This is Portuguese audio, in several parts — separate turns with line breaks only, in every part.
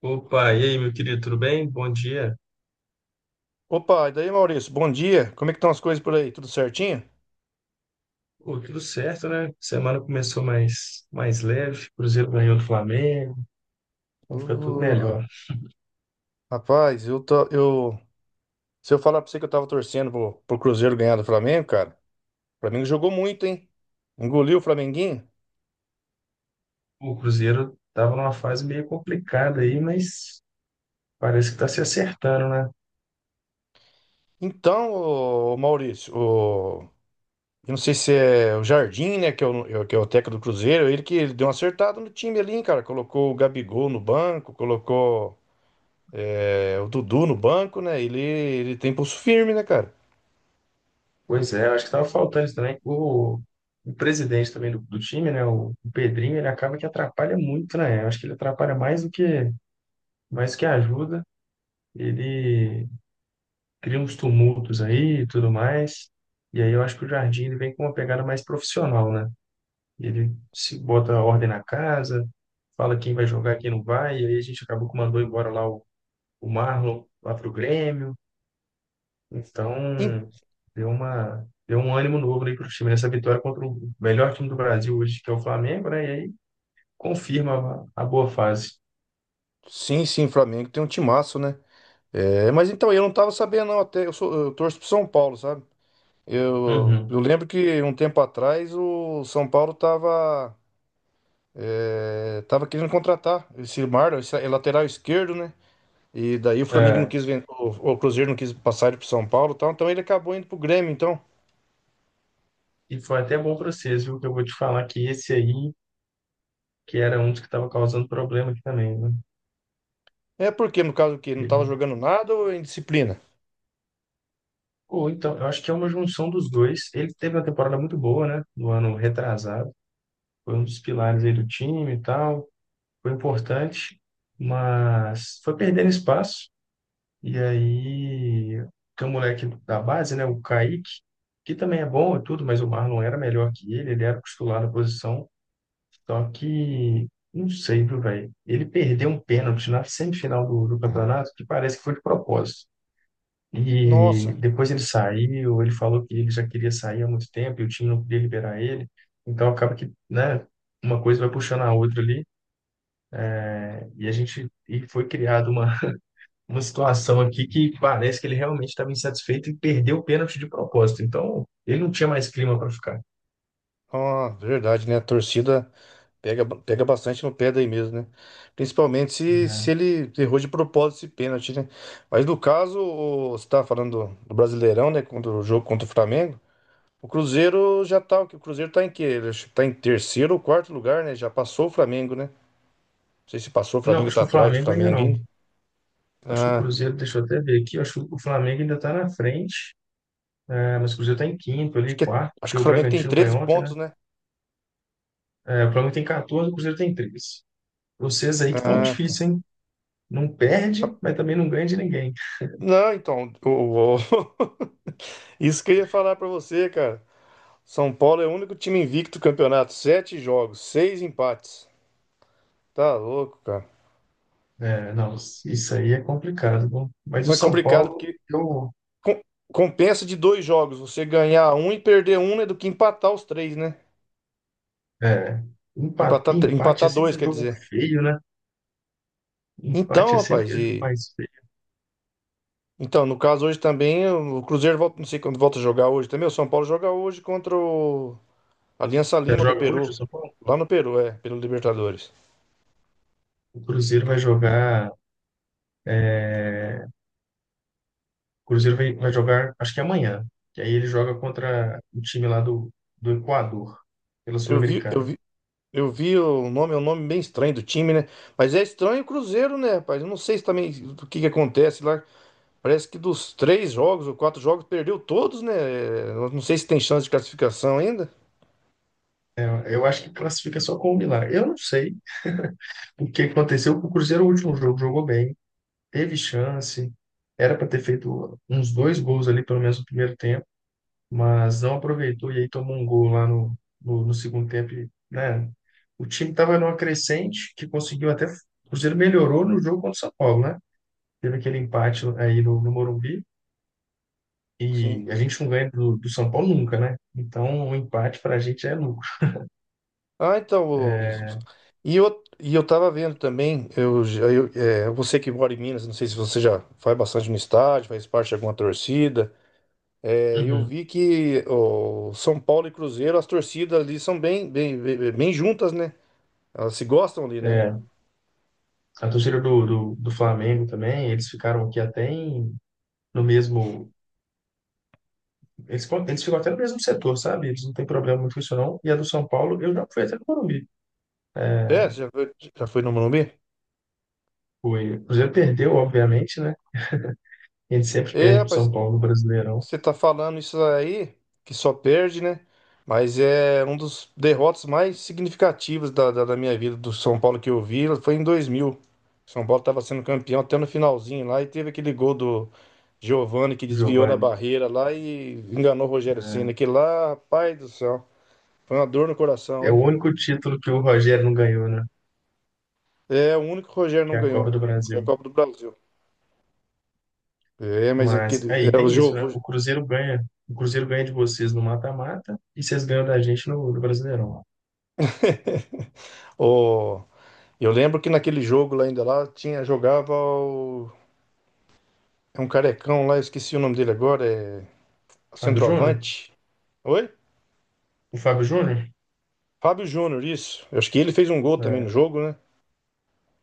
Opa, e aí, meu querido, tudo bem? Bom dia.
Opa, e daí, Maurício? Bom dia. Como é que estão as coisas por aí? Tudo certinho?
Pô, tudo certo, né? Semana começou mais leve, Cruzeiro ganhou do Flamengo, então fica tudo
Ô,
melhor.
rapaz, se eu falar pra você que eu tava torcendo pro Cruzeiro ganhar do Flamengo, cara, o Flamengo jogou muito, hein? Engoliu o Flamenguinho.
O Cruzeiro estava numa fase meio complicada aí, mas parece que está se acertando, né?
Então, ô, Maurício, ô, eu não sei se é o Jardim, né, que é o técnico do Cruzeiro, ele deu uma acertada no time ali, hein, cara. Colocou o Gabigol no banco, colocou o Dudu no banco, né? Ele tem pulso firme, né, cara?
Pois é, acho que estava faltando isso também. O presidente também do time, né? O Pedrinho, ele acaba que atrapalha muito, né? Eu acho que ele atrapalha mais do que ajuda. Ele cria uns tumultos aí e tudo mais. E aí eu acho que o jardim ele vem com uma pegada mais profissional, né? Ele se bota a ordem na casa, fala quem vai jogar, quem não vai, e aí a gente acabou que mandou embora o Marlon lá pro Grêmio.
Em-
Então, deu um ânimo novo aí pro time nessa vitória contra o melhor time do Brasil hoje, que é o Flamengo, né? E aí confirma a boa fase.
Sim, sim, o Flamengo tem um timaço, né? É, mas então, eu não tava sabendo, não, eu torço pro São Paulo, sabe? Eu,
Uhum.
eu lembro que um tempo atrás o São Paulo tava querendo contratar esse Marlon, esse é lateral esquerdo, né? E daí o Flamengo não
É.
quis, o Cruzeiro não quis passar ele pro São Paulo, e tal, então ele acabou indo pro Grêmio, então.
E foi até bom para vocês, viu? Que eu vou te falar que esse aí, que era um dos que estava causando problema aqui também, né?
É porque, no caso, que não tava
Ele-
jogando nada ou é indisciplina?
Ou então, eu acho que é uma junção dos dois. Ele teve uma temporada muito boa, né? No ano retrasado. Foi um dos pilares aí do time e tal. Foi importante, mas foi perdendo espaço. E aí, tem um moleque da base, né? O Kaique, que também é bom e tudo, mas o Marlon era melhor que ele. Ele era o titular da posição. Só que, não sei, viu, velho? Ele perdeu um pênalti na semifinal do campeonato que parece que foi de propósito. E
Nossa.
depois ele saiu, ele falou que ele já queria sair há muito tempo e o time não podia liberar ele. Então acaba que, né, uma coisa vai puxando a outra ali. E a gente foi criada uma, uma situação aqui que parece que ele realmente estava insatisfeito e perdeu o pênalti de propósito. Então ele não tinha mais clima para ficar.
Ah, verdade, né? A torcida pega, pega bastante no pé daí mesmo, né? Principalmente se ele errou de propósito esse pênalti, né? Mas no caso, você estava falando do Brasileirão, né? Quando o jogo contra o Flamengo, o Cruzeiro já tá. O Cruzeiro tá em quê? Ele acho que tá em terceiro ou quarto lugar, né? Já passou o Flamengo, né? Não sei se passou o
Não,
Flamengo,
acho
tá
que o
atrás do
Flamengo ainda
Flamengo
não.
ainda.
Acho que o
Ah,
Cruzeiro, deixa eu até ver aqui, acho que o Flamengo ainda está na frente. É, mas o Cruzeiro está em quinto
acho
ali,
que,
quarto,
acho
porque
que o
o
Flamengo tem
Bragantino ganhou
treze
ontem, né?
pontos, né?
É, o Flamengo tem 14, o Cruzeiro tem 13. Vocês aí que estão
Ah, tá.
difícil, hein? Não perde, mas também não ganha de ninguém.
Não, então, isso que eu ia falar pra você, cara. São Paulo é o único time invicto do campeonato. Sete jogos, seis empates. Tá louco, cara.
É, não, isso aí é complicado. Viu? Mas o
Não é
São
complicado,
Paulo,
porque
eu,
com- compensa de dois jogos. Você ganhar um e perder um é do que empatar os três, né?
é,
Empatar, tr-
empate é
empatar dois,
sempre um
quer
jogo
dizer.
feio, né?
Então,
Empate é sempre
rapaz,
aquele jogo
e.
mais feio.
Então, no caso hoje também, o Cruzeiro volta, não sei quando volta a jogar hoje também. O São Paulo joga hoje contra o Aliança
Já
Lima do
joga hoje o
Peru.
São Paulo?
Lá no Peru, pelo Libertadores.
O Cruzeiro vai jogar, é, o Cruzeiro vai jogar, acho que amanhã. Que aí ele joga contra o time lá do Equador, pela
Eu vi, eu
Sul-Americana.
vi, Eu vi o nome, é um nome bem estranho do time, né? Mas é estranho o Cruzeiro, né, rapaz? Eu não sei se também o que que acontece lá. Parece que dos três jogos ou quatro jogos perdeu todos, né? Eu não sei se tem chance de classificação ainda.
É, eu acho que classifica só com o Milagre. Eu não sei o que aconteceu, com o Cruzeiro, o último jogo, jogou bem. Teve chance, era para ter feito uns dois gols ali, pelo menos no primeiro tempo, mas não aproveitou e aí tomou um gol lá no segundo tempo. E, né? O time estava numa crescente que conseguiu até. O Cruzeiro melhorou no jogo contra o São Paulo, né? Teve aquele empate aí no Morumbi e
Sim.
a gente não ganha do São Paulo nunca, né? Então, o empate para a gente é lucro.
Ah, então. E eu tava vendo também, eu, já- eu, é, você que mora em Minas, não sei se você já vai bastante no estádio, faz parte de alguma torcida. É, eu
Uhum.
vi que o São Paulo e Cruzeiro, as torcidas ali são bem, bem, bem bem juntas, né? Elas se gostam ali, né?
É, a torcida do Flamengo também, eles ficaram aqui até em, no mesmo eles ficam até no mesmo setor, sabe? Eles não têm problema muito com isso, não. E a do São Paulo, eu já fui até no Morumbi.
É, já, já foi no Morumbi?
Fui. O Cruzeiro perdeu, obviamente, né? A gente sempre
É,
perde pro
rapaz,
São Paulo no Brasileirão.
você tá falando isso aí, que só perde, né? Mas é um dos derrotas mais significativos da minha vida, do São Paulo que eu vi, foi em 2000. São Paulo tava sendo campeão até no finalzinho lá, e teve aquele gol do Giovani que desviou na
Giovanni.
barreira lá e enganou o Rogério Ceni.
É
Aquele lá, rapaz do céu, foi uma dor no coração,
é
hein?
o único título que o Rogério não ganhou, né?
É, o único que o Rogério
Que
não
é a Copa
ganhou,
do
foi a
Brasil.
Copa do Brasil. É, mas
Mas
aquele,
aí
o
tem isso, né?
Giovani...
O Cruzeiro ganha. O Cruzeiro ganha de vocês no mata-mata e vocês ganham da gente no Brasileirão.
O Eu lembro que naquele jogo lá ainda lá tinha jogava o, é um carecão lá, eu esqueci o nome dele agora, é o
Fábio Júnior?
centroavante. Oi?
O Fábio Júnior?
Fábio Júnior, isso. Eu acho que ele fez um gol também no
É,
jogo, né?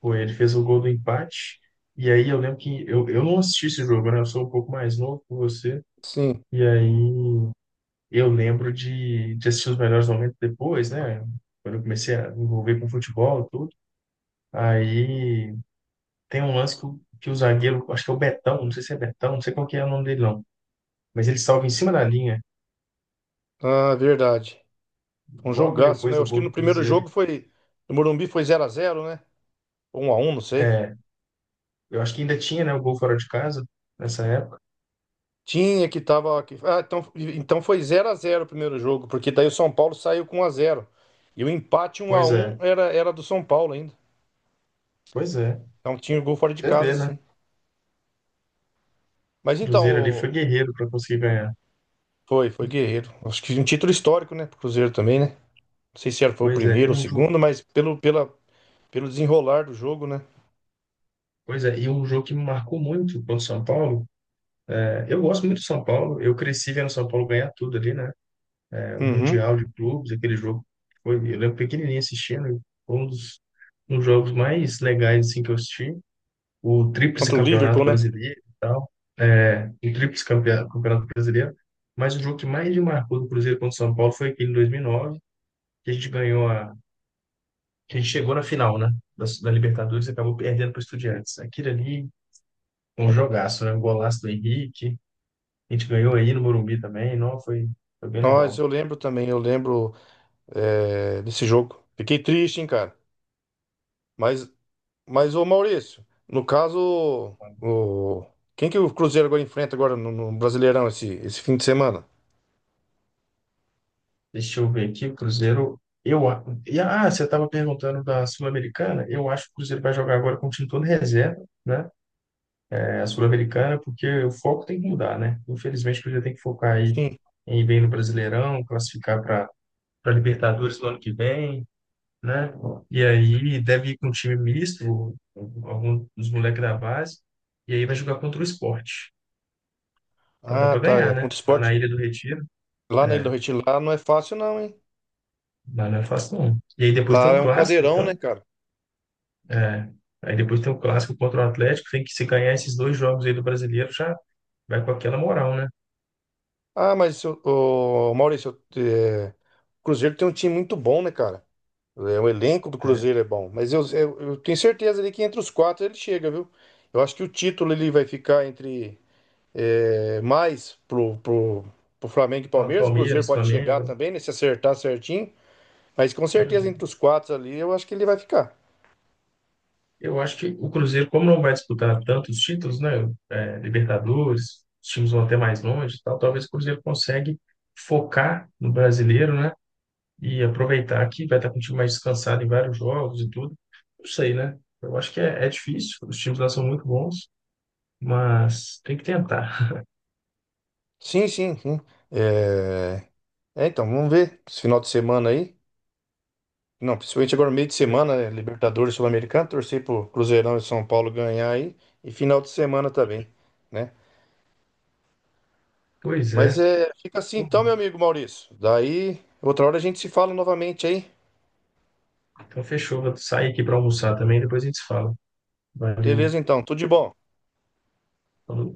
foi, ele fez o gol do empate. E aí eu lembro que eu não assisti esse jogo, né? Eu sou um pouco mais novo que você.
Sim.
E aí eu lembro de assistir os melhores momentos depois, né? Quando eu comecei a me envolver com futebol e tudo. Aí tem um lance que, que o zagueiro, acho que é o Betão, não sei se é Betão, não sei qual que é o nome dele não. Mas ele salva em cima da linha,
Ah, verdade. Um
logo
jogaço,
depois
né? Eu
do
acho que
gol do
no primeiro
Cruzeiro.
jogo foi no Morumbi foi zero a zero, né? Ou 1-1, não sei.
É, eu acho que ainda tinha, né, o gol fora de casa nessa época.
Tinha que tava que- Ah, então, foi zero a zero o primeiro jogo, porque daí o São Paulo saiu com um a zero. E o empate um a
Pois
um
é,
era do São Paulo ainda.
pois é.
Então tinha o gol fora de
Você
casa,
vê, né?
sim. Mas
O Cruzeiro ali
então,
foi guerreiro para conseguir ganhar.
Foi guerreiro. Acho que um título histórico, né? Pro Cruzeiro também, né? Não sei se foi o
Pois é,
primeiro ou o
um jogo,
segundo, mas pelo desenrolar do jogo, né?
pois é, e um jogo que me marcou muito contra o São Paulo. Eu gosto muito de São Paulo. Eu cresci vendo São Paulo ganhar tudo ali, né? É, o
Uhum.
Mundial de Clubes, aquele jogo. Que foi, eu lembro pequenininho assistindo. E foi um dos jogos mais legais assim, que eu assisti. O tríplice
Contra o
campeonato
Liverpool, né?
brasileiro e tal. É, o campeonato brasileiro. Mas o jogo que mais me marcou do Cruzeiro contra o São Paulo foi aquele em 2009, que a gente ganhou a... que a gente chegou na final, né? Da Libertadores e acabou perdendo para o Estudiantes. Aquilo ali, um jogaço, né? Um golaço do Henrique. A gente ganhou aí no Morumbi também, não, foi, foi bem
Nós,
legal.
eu lembro também, eu lembro é, desse jogo. Fiquei triste, hein, cara. Mas, mas, ô Maurício, no caso, quem que o Cruzeiro agora enfrenta agora no Brasileirão esse fim de semana?
Deixa eu ver aqui, o Cruzeiro, eu, a- e, ah, você estava perguntando da Sul-Americana, eu acho que o Cruzeiro vai jogar agora com o time todo reserva, né? É, a Sul-Americana, porque o foco tem que mudar, né? Infelizmente, o Cruzeiro tem que focar aí
Sim.
em ir bem no Brasileirão, classificar para Libertadores no ano que vem, né? E aí deve ir com um time misto, alguns dos moleques da base, e aí vai jogar contra o Sport. Então dá
Ah,
para
tá. É
ganhar, né?
contra o
Lá
Sport.
na Ilha do Retiro.
Lá na Ilha do
É.
Retiro, lá não é fácil, não, hein?
Não, não é fácil, não. E aí depois tem
Lá
o
é um
clássico,
caldeirão,
então.
né, cara?
É, aí depois tem o clássico contra o Atlético. Tem que se ganhar esses dois jogos aí do brasileiro, já vai com aquela moral, né?
Ah, mas o Maurício, o Cruzeiro tem um time muito bom, né, cara? É, o elenco do
É,
Cruzeiro é bom. Mas eu tenho certeza ali que entre os quatro ele chega, viu? Eu acho que o título ele vai ficar entre mais pro Flamengo e Palmeiras. O Cruzeiro
Palmeiras,
pode chegar
Flamengo.
também, né, se acertar certinho. Mas com certeza entre
Uhum.
os quatro ali eu acho que ele vai ficar.
Eu acho que o Cruzeiro, como não vai disputar tantos títulos, né? É, Libertadores, os times vão até mais longe e tal, talvez o Cruzeiro consegue focar no brasileiro, né? E aproveitar que vai estar com o time mais descansado em vários jogos e tudo. Não sei, né? Eu acho que é difícil. Os times lá são muito bons. Mas tem que tentar.
Sim, sim, sim. É, é, então, vamos ver esse final de semana aí. Não, principalmente agora meio de semana, né? Libertadores Sul-Americano, torcer pro Cruzeirão e São Paulo ganhar aí, e final de semana também, né?
Pois
Mas
é.
é, fica assim então, meu amigo Maurício. Daí, outra hora a gente se fala novamente aí.
Então fechou, vou sair aqui para almoçar também, depois a gente se fala. Valeu.
Beleza então, tudo de bom.
Falou.